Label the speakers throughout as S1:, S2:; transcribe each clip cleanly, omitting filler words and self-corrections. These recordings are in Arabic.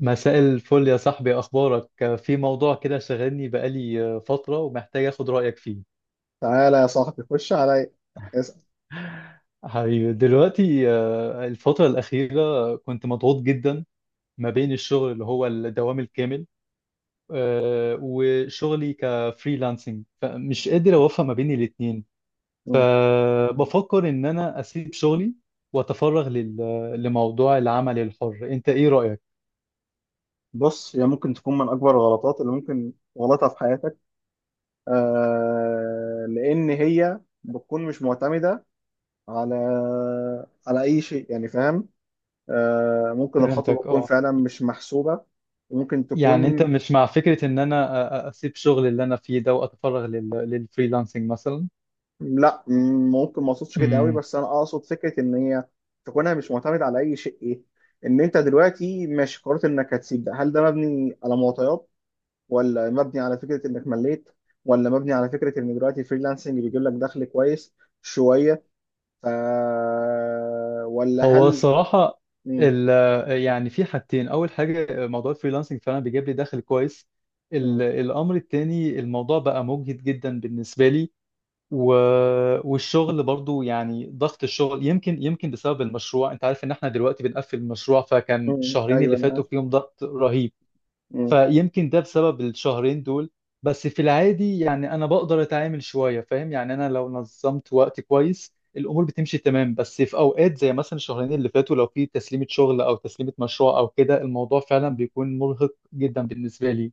S1: مساء الفل يا صاحبي، أخبارك؟ في موضوع كده شاغلني بقالي فترة ومحتاج أخد رأيك فيه.
S2: تعالى يا صاحبي خش عليا. اسأل.
S1: حبيبي دلوقتي، الفترة الأخيرة كنت مضغوط جدا ما بين الشغل اللي هو الدوام الكامل، وشغلي كفريلانسنج فمش قادر أوفق ما بين الاتنين.
S2: مم.
S1: فبفكر إن أنا أسيب شغلي وأتفرغ لموضوع العمل الحر، أنت إيه رأيك؟
S2: بص، هي ممكن تكون من أكبر الغلطات اللي ممكن غلطها في حياتك. لأن هي بتكون مش معتمدة على على أي شيء، يعني فاهم. ممكن الخطوة
S1: فهمتك
S2: تكون
S1: أه.
S2: فعلا مش محسوبة وممكن
S1: يعني انت
S2: تكون.
S1: مش مع فكرة ان انا اسيب شغل اللي انا فيه ده واتفرغ للفريلانسنج مثلا؟
S2: لا، ممكن ما أقصدش كده قوي،
S1: امم
S2: بس أنا أقصد فكرة إن هي تكونها مش معتمدة على أي شيء. إيه، إن أنت دلوقتي ماشي قررت إنك هتسيب ده، هل ده مبني على معطيات؟ ولا مبني على فكرة انك مليت؟ ولا مبني على فكرة ان دلوقتي الفريلانسنج بيجيب لك دخل كويس شوية؟ ف... ولا
S1: هو
S2: هل.
S1: صراحة،
S2: مم.
S1: ال... يعني في حاجتين، أول حاجة موضوع الفريلانسنج فعلا بيجيب لي دخل كويس.
S2: مم.
S1: الأمر التاني الموضوع بقى مجهد جدا بالنسبة لي. و... والشغل برضو، يعني ضغط الشغل يمكن بسبب المشروع، أنت عارف إن احنا دلوقتي بنقفل المشروع، فكان
S2: مم.
S1: الشهرين
S2: ايوه
S1: اللي
S2: انا
S1: فاتوا
S2: عارف.
S1: فيهم ضغط رهيب.
S2: مم.
S1: فيمكن ده بسبب الشهرين دول. بس في العادي يعني انا بقدر اتعامل شوية، فاهم؟ يعني انا لو نظمت وقتي كويس الامور بتمشي تمام، بس في اوقات زي مثلا الشهرين اللي فاتوا لو في تسليمة شغل او تسليمة مشروع او كده الموضوع فعلا
S2: مم.
S1: بيكون مرهق جدا بالنسبة لي.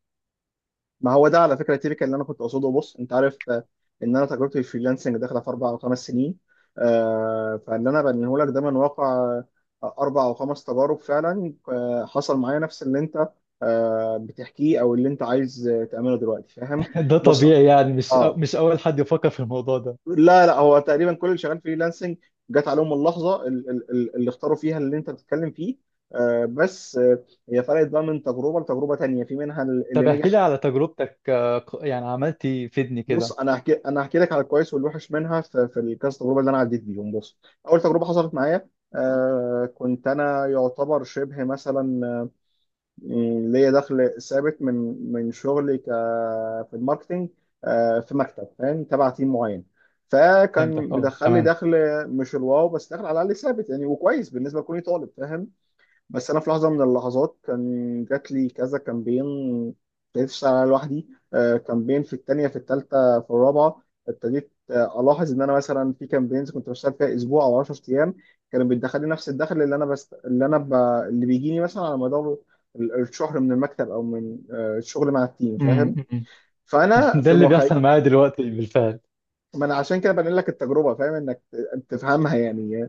S2: ما هو ده على فكرة تيبيكال اللي انا كنت اقصده. بص، انت عارف، ان انا تجربتي في الفريلانسنج داخلة في 4 أو 5 سنين. فاللي انا بنيه لك ده من واقع اربع او خمس تجارب فعلا. حصل معايا نفس اللي انت بتحكيه او اللي انت عايز تعمله دلوقتي، فاهم.
S1: ده
S2: بص،
S1: طبيعي، يعني مش
S2: اه،
S1: مش اول حد يفكر في الموضوع ده.
S2: لا، هو تقريبا كل اللي شغال فريلانسنج جت عليهم اللحظه اللي اختاروا فيها اللي انت بتتكلم فيه، بس هي فرقت بقى من تجربه لتجربه تانيه، في منها اللي
S1: طب
S2: نجح.
S1: احكي لي على تجربتك، يعني عملتي فيدني
S2: بص،
S1: كده.
S2: انا هحكي لك على الكويس والوحش منها، في الكذا تجربه اللي انا عديت بيهم. بص، اول تجربه حصلت معايا، كنت انا يعتبر شبه مثلا، يعني ليا دخل ثابت من شغلي في الماركتينج، في مكتب، فاهم، تبع تيم معين. فكان
S1: فهمتك، اه
S2: مدخل لي
S1: تمام.
S2: دخل، مش الواو، بس دخل على الاقل ثابت يعني، وكويس بالنسبه لكوني طالب، فاهم. بس انا في لحظه من اللحظات كان جات لي كذا كامبين، ابتديت اشتغل عليها لوحدي. كامبين في التانية، في التالتة، في الرابعه، ابتديت الاحظ ان انا مثلا في كامبينز كنت بشتغل فيها اسبوع او 10 ايام كانوا بيدخلوا لي نفس الدخل. اللي انا بست... اللي انا ب... اللي بيجيني مثلا على مدار الشهر من المكتب، او من الشغل مع التيم،
S1: أمم،
S2: فاهم.
S1: أمم.
S2: فانا
S1: ده
S2: في
S1: اللي
S2: مخ...
S1: بيحصل معايا دلوقتي بالفعل.
S2: ما انا عشان كده بنقل لك التجربه، فاهم، انك تفهمها يعني.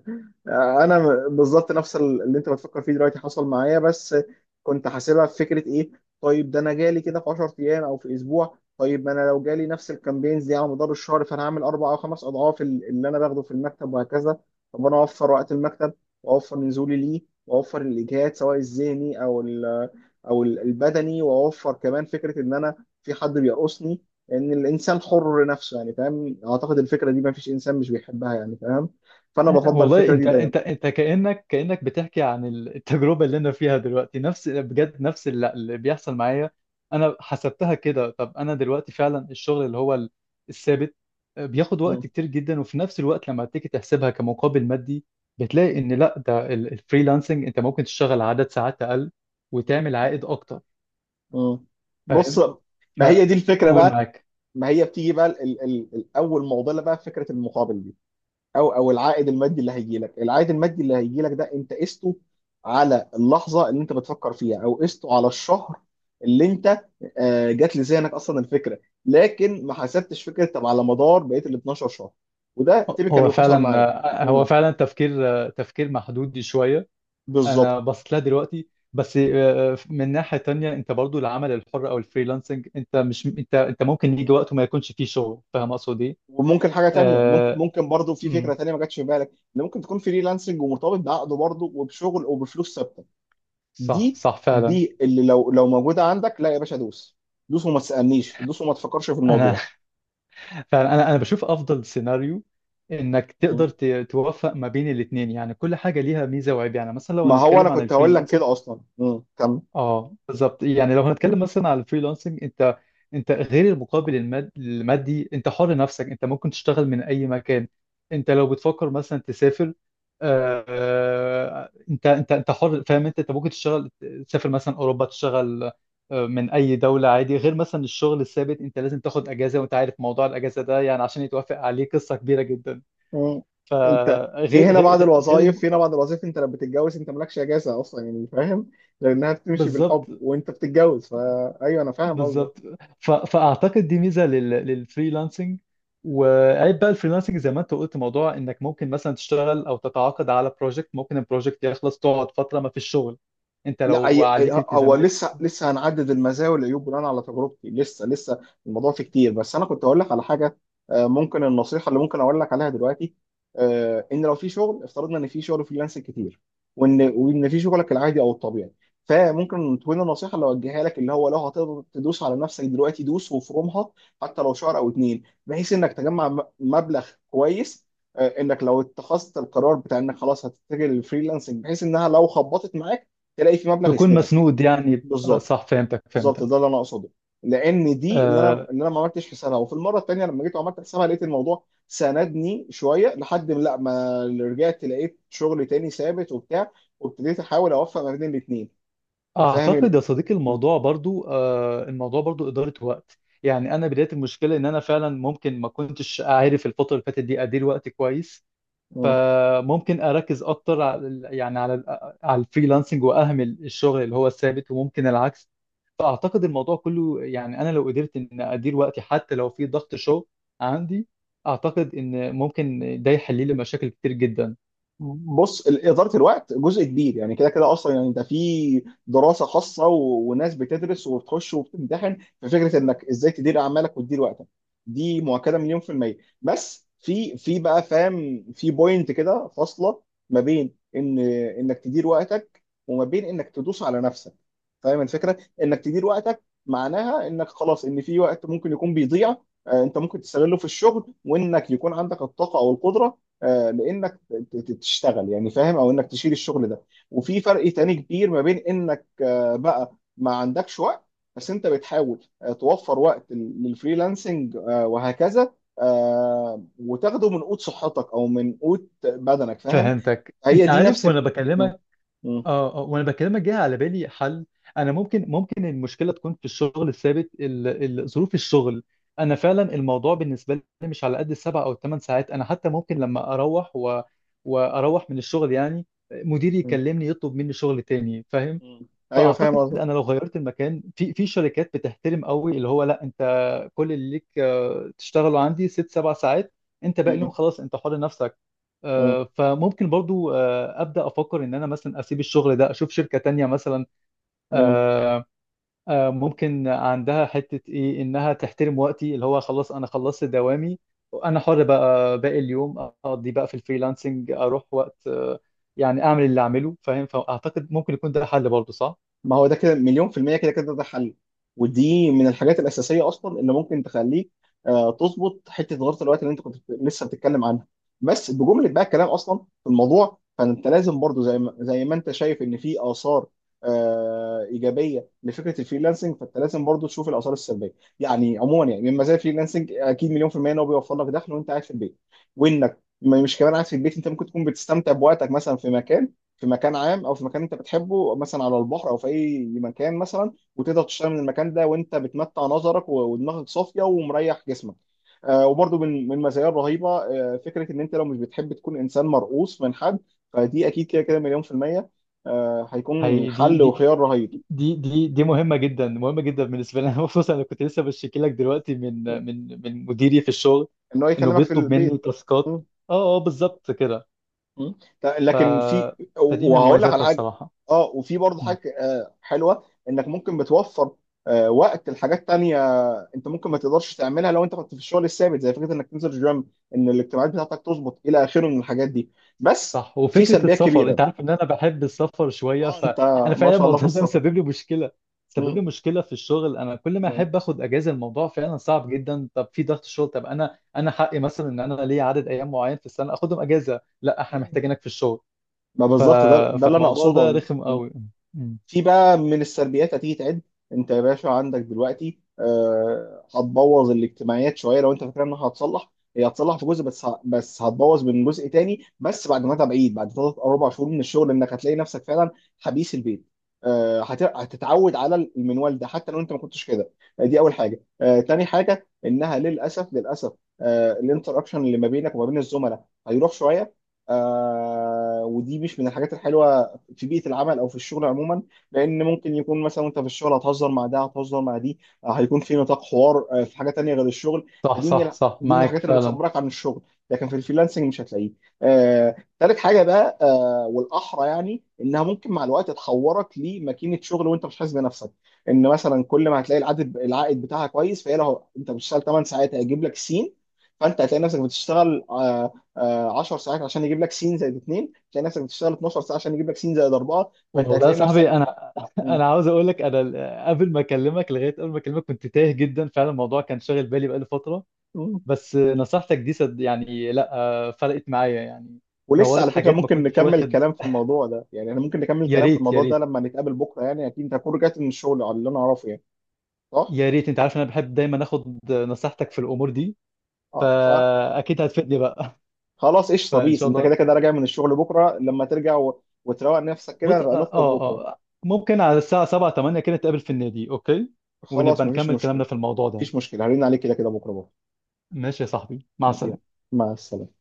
S2: انا بالظبط نفس اللي انت بتفكر فيه دلوقتي حصل معايا. بس كنت حاسبها في فكره ايه، طيب ده انا جالي كده في 10 ايام او في اسبوع، طيب ما انا لو جالي نفس الكامبينز دي على مدار الشهر فانا هعمل اربع او خمس اضعاف اللي انا باخده في المكتب، وهكذا. طب انا اوفر وقت المكتب، واوفر نزولي ليه، واوفر الاجهاد سواء الذهني البدني، واوفر كمان فكره ان انا في حد بيرقصني، ان الانسان حر نفسه، يعني فاهم، اعتقد الفكره دي ما فيش انسان مش بيحبها، يعني فاهم. فانا بفضل
S1: والله،
S2: الفكره دي
S1: انت
S2: دايما.
S1: انت انت كأنك بتحكي عن التجربة اللي انا فيها دلوقتي، نفس بجد نفس اللي بيحصل معايا. انا حسبتها كده، طب انا دلوقتي فعلا الشغل اللي هو الثابت بياخد
S2: م.
S1: وقت كتير جدا، وفي نفس الوقت لما تيجي تحسبها كمقابل مادي بتلاقي ان لا، ده الفريلانسنج انت ممكن تشتغل عدد ساعات اقل وتعمل عائد اكتر،
S2: م. بص،
S1: فاهم؟
S2: ما هي دي الفكره
S1: فقول
S2: بقى.
S1: معاك.
S2: ما هي بتيجي بقى ال ال الاول معضله بقى في فكره المقابل دي، او العائد المادي اللي هيجي لك. العائد المادي اللي هيجي لك ده انت قسته على اللحظه اللي انت بتفكر فيها، او قسته على الشهر اللي انت جات لذهنك اصلا الفكره. لكن ما حسبتش فكره طب على مدار بقيه ال 12 شهر، وده تيبيكال
S1: هو
S2: اللي حصل
S1: فعلا،
S2: معايا.
S1: هو فعلا تفكير، تفكير محدود شوية.
S2: بالظبط.
S1: انا بصيت لها دلوقتي، بس من ناحية تانية انت برضو العمل الحر او الفريلانسنج، انت مش، انت ممكن يجي وقت وما يكونش فيه شغل، فاهم اقصد ايه؟
S2: وممكن حاجه تانية، ممكن
S1: آه،
S2: ممكن برضو في فكره
S1: أمم،
S2: تانية ما جاتش في بالك، ان ممكن تكون فريلانسنج ومرتبط بعقد برضو وبشغل وبفلوس ثابته.
S1: صح
S2: دي
S1: صح فعلا.
S2: دي اللي لو موجوده عندك، لا يا باشا، دوس. دوس وما تسالنيش، دوس وما تفكرش في
S1: انا
S2: الموضوع.
S1: فعلا انا بشوف افضل سيناريو انك تقدر
S2: مم.
S1: توفق ما بين الاثنين. يعني كل حاجة ليها ميزة وعيب. يعني مثلا لو
S2: ما هو انا
S1: هنتكلم عن
S2: كنت هقول لك
S1: الفريلانسنج،
S2: كده اصلا. مم. كمل.
S1: اه بالظبط. يعني لو هنتكلم مثلا على الفريلانسنج، انت غير المقابل المادي، انت حر نفسك، انت ممكن تشتغل من اي مكان. انت لو بتفكر مثلا تسافر، انت حر، فاهم؟ انت ممكن تشتغل، تسافر مثلا اوروبا تشتغل، من اي دوله عادي. غير مثلا الشغل الثابت انت لازم تاخد اجازه، وانت عارف موضوع الاجازه ده يعني عشان يتوافق عليه قصه كبيره جدا.
S2: مم. انت،
S1: فغير غير غير غير
S2: في هنا بعض الوظائف، انت لما بتتجوز انت مالكش اجازه اصلا، يعني فاهم، لانها بتمشي
S1: بالظبط
S2: بالحب وانت بتتجوز. فايوه انا فاهم قصدك.
S1: بالظبط. فاعتقد دي ميزه للفريلانسنج. وعيب بقى الفريلانسنج زي ما انت قلت، موضوع انك ممكن مثلا تشتغل او تتعاقد على بروجكت، ممكن البروجكت يخلص تقعد فتره ما فيش شغل، انت
S2: لا،
S1: لو عليك
S2: هو
S1: التزامات
S2: لسه لسه هنعدد المزايا والعيوب بناء على تجربتي. لسه لسه الموضوع فيه كتير. بس انا كنت اقول لك على حاجه، ممكن النصيحه اللي ممكن اقول لك عليها دلوقتي، ان لو في شغل، افترضنا ان في شغل فريلانسنج كتير، وان في شغلك العادي او الطبيعي، فممكن تكون النصيحه اللي اوجهها لك اللي هو لو هتقدر تدوس على نفسك دلوقتي دوس وفرومها، حتى لو شهر او اتنين، بحيث انك تجمع مبلغ كويس، انك لو اتخذت القرار بتاع انك خلاص هتتجه للفريلانسنج، بحيث انها لو خبطت معاك تلاقي في مبلغ
S1: تكون
S2: يسندك.
S1: مسنود، يعني
S2: بالظبط،
S1: صح. فهمتك
S2: بالظبط،
S1: فهمتك.
S2: ده اللي انا اقصده. لان دي اللي انا
S1: آه،
S2: اللي انا ما عملتش حسابها، وفي المره الثانيه لما جيت وعملت حسابها لقيت الموضوع ساندني شويه، لحد ما لا، ما رجعت لقيت شغل تاني ثابت وبتاع، وابتديت احاول اوفق ما بين الاثنين. فاهم.
S1: اعتقد يا صديقي
S2: م-
S1: الموضوع برضو، الموضوع برضو اداره وقت. يعني انا بدايه المشكله ان انا فعلا ممكن ما كنتش عارف الفتره اللي فاتت دي ادير وقتي كويس.
S2: م.
S1: فممكن اركز اكتر على يعني على الفريلانسنج واهمل الشغل اللي هو الثابت، وممكن العكس. فاعتقد الموضوع كله، يعني انا لو قدرت ان ادير وقتي حتى لو في ضغط شغل عندي، اعتقد ان ممكن ده يحل لي مشاكل كتير جدا.
S2: بص، إدارة الوقت جزء كبير يعني، كده كده أصلا يعني، ده في دراسة خاصة وناس بتدرس وبتخش وبتمتحن في فكرة إنك إزاي تدير أعمالك وتدير وقتك. دي مؤكدة مليون في المية. بس في بقى فاهم، في بوينت كده فاصلة ما بين إنك تدير وقتك، وما بين إنك تدوس على نفسك. فاهم الفكرة، إنك تدير وقتك معناها إنك خلاص، إن في وقت ممكن يكون بيضيع أنت ممكن تستغله في الشغل، وإنك يكون عندك الطاقة أو القدرة لأنك تشتغل يعني، فاهم، او انك تشيل الشغل ده. وفي فرق تاني كبير ما بين انك بقى ما عندكش وقت بس انت بتحاول توفر وقت للفريلانسنج وهكذا، وتاخده من قوت صحتك او من قوت بدنك، فاهم.
S1: فهمتك.
S2: هي
S1: انت
S2: دي نفس
S1: عارف وانا
S2: ال... م-
S1: بكلمك،
S2: م-
S1: اه اه، وانا بكلمك جه على بالي حل. انا ممكن المشكله تكون في الشغل الثابت، ظروف الشغل. انا فعلا
S2: م-
S1: الموضوع بالنسبه لي مش على قد السبع او الثمان ساعات. انا حتى ممكن لما واروح من الشغل، يعني مديري
S2: م-
S1: يكلمني يطلب مني شغل تاني، فاهم؟
S2: م. ايوه فاهم
S1: فاعتقد
S2: قصدك.
S1: انا لو غيرت المكان، في في شركات بتحترم قوي، اللي هو لا، انت كل اللي ليك تشتغلوا عندي ست سبع ساعات، انت باقي
S2: م-
S1: اليوم خلاص انت حر نفسك.
S2: م-
S1: فممكن برضو ابدا افكر ان انا مثلا اسيب الشغل ده اشوف شركه تانية مثلا،
S2: م.
S1: آه، ممكن عندها حته، ايه انها تحترم وقتي اللي هو خلاص انا خلصت دوامي. انا حر بقى باقي اليوم، اقضي بقى في الفريلانسنج، اروح وقت، يعني اعمل اللي اعمله، فاهم؟ فاعتقد ممكن يكون ده حل برضو، صح؟
S2: ما هو ده كده مليون في المية، كده كده ده حل، ودي من الحاجات الأساسية أصلا اللي ممكن تخليك تظبط حتة غلطة الوقت اللي أنت كنت لسه بتتكلم عنها. بس بجملة بقى الكلام أصلا في الموضوع، فأنت لازم برضو زي ما أنت شايف إن في آثار إيجابية لفكرة الفريلانسنج، فأنت لازم برضو تشوف الآثار السلبية. يعني عموما، يعني من مزايا الفريلانسنج أكيد مليون في المية إن هو بيوفر لك دخل وأنت قاعد في البيت، وإنك مش كمان قاعد في البيت، أنت ممكن تكون بتستمتع بوقتك مثلا في مكان، في مكان عام، او في مكان انت بتحبه مثلا على البحر، او في اي مكان مثلا، وتقدر تشتغل من المكان ده وانت بتمتع نظرك ودماغك صافيه ومريح جسمك. وبرضو من المزايا الرهيبه فكره ان انت لو مش بتحب تكون انسان مرؤوس من حد، فدي اكيد كده كده مليون في الميه هيكون
S1: هي دي
S2: حل
S1: دي
S2: وخيار رهيب.
S1: دي دي دي مهمة جدا مهمة جدا بالنسبة لي. أنا خصوصا أنا كنت لسه بشتكي لك دلوقتي من مديري في الشغل
S2: ان هو
S1: إنه
S2: يكلمك في
S1: بيطلب مني
S2: البيت.
S1: تاسكات. أه أه بالظبط كده.
S2: مم.
S1: ف
S2: لكن في،
S1: فدي من
S2: وهقول لك على
S1: مميزاتها
S2: حاجه.
S1: الصراحة.
S2: اه، وفي برضه
S1: مم.
S2: حاجه حلوه، انك ممكن بتوفر وقت لحاجات تانية انت ممكن ما تقدرش تعملها لو انت كنت في الشغل الثابت، زي فكره انك تنزل جيم، ان الاجتماعات بتاعتك تظبط، الى اخره من الحاجات دي. بس
S1: صح،
S2: في
S1: وفكرة
S2: سلبيات
S1: السفر
S2: كبيره.
S1: أنت عارف إن أنا بحب السفر شوية،
S2: اه، انت
S1: فأنا
S2: ما
S1: فعلا
S2: شاء الله في
S1: الموضوع ده
S2: السفر.
S1: مسبب لي مشكلة. مسبب لي
S2: مم.
S1: مشكلة في الشغل، أنا كل ما
S2: مم.
S1: أحب آخد أجازة الموضوع فعلا صعب جدا. طب في ضغط شغل، طب أنا، أنا حقي مثلا إن أنا ليا عدد أيام معين في السنة آخدهم أجازة. لا، إحنا
S2: أيوة.
S1: محتاجينك في الشغل.
S2: ما
S1: ف...
S2: بالظبط ده اللي انا
S1: فالموضوع
S2: اقصده
S1: ده
S2: عموما.
S1: رخم قوي. مم.
S2: في بقى من السلبيات هتيجي تعد، انت يا باشا عندك دلوقتي هتبوظ الاجتماعيات شويه، لو انت فاكر انها هتصلح، هي هتصلح في جزء بس هتبوظ من جزء تاني. بس بعد ما تبعيد بعد 3 أو 4 شهور من الشغل، انك هتلاقي نفسك فعلا حبيس البيت. هتتعود على المنوال ده حتى لو انت ما كنتش كده. دي اول حاجه. تاني حاجه انها للاسف للاسف الانتراكشن اللي ما بينك وما بين الزملاء هيروح شويه، ودي مش من الحاجات الحلوه في بيئه العمل او في الشغل عموما، لان ممكن يكون مثلا وانت في الشغل هتهزر مع ده، هتهزر مع دي، هيكون في نطاق حوار في حاجه تانية غير الشغل.
S1: صح
S2: فدي من
S1: صح صح
S2: دي من
S1: معاك
S2: الحاجات اللي
S1: فعلا.
S2: بتصبرك عن الشغل، لكن في الفريلانسنج مش هتلاقيه. تالت حاجه بقى، والاحرى يعني انها ممكن مع الوقت تحورك لماكينه شغل وانت مش حاسس بنفسك، ان مثلا كل ما هتلاقي العائد بتاعها كويس، فهي لو انت بتشتغل 8 ساعات هيجيب لك سين، فانت هتلاقي نفسك بتشتغل 10 ساعات عشان يجيب لك سين زائد 2، هتلاقي نفسك بتشتغل 12 ساعه عشان يجيب لك سين زائد 4، فانت
S1: والله يا
S2: هتلاقي
S1: صاحبي،
S2: نفسك.
S1: انا
S2: مم.
S1: انا عاوز اقول لك، انا قبل ما اكلمك كنت تايه جدا، فعلا الموضوع كان شاغل بالي بقالي فتره.
S2: مم.
S1: بس نصيحتك دي صد يعني، لا، فرقت معايا يعني.
S2: ولسه
S1: نورت
S2: على فكره
S1: حاجات ما
S2: ممكن
S1: كنتش
S2: نكمل
S1: واخد.
S2: كلام في الموضوع ده، يعني احنا ممكن نكمل
S1: يا
S2: كلام في
S1: ريت يا
S2: الموضوع ده
S1: ريت
S2: لما نتقابل بكره، يعني اكيد انت هتكون رجعت من الشغل على اللي انا اعرفه يعني، صح؟
S1: يا ريت، انت عارف انا بحب دايما اخد نصيحتك في الامور دي،
S2: اه،
S1: فاكيد هتفيدني بقى.
S2: فخلاص، قشطه،
S1: فان
S2: بيس،
S1: شاء
S2: انت كده
S1: الله.
S2: كده راجع من الشغل بكره، لما ترجع وتروق نفسك كده
S1: بص، اه
S2: نبقى نخرج
S1: اه.
S2: بكره.
S1: آه. ممكن على الساعة 7 8 كده نتقابل في النادي، اوكي؟
S2: خلاص،
S1: ونبقى
S2: مفيش
S1: نكمل كلامنا
S2: مشكله.
S1: في الموضوع ده.
S2: مفيش مشكله، هرن عليك كده كده بكره بكره.
S1: ماشي يا صاحبي، مع
S2: يلا.
S1: السلامة.
S2: مع السلامه.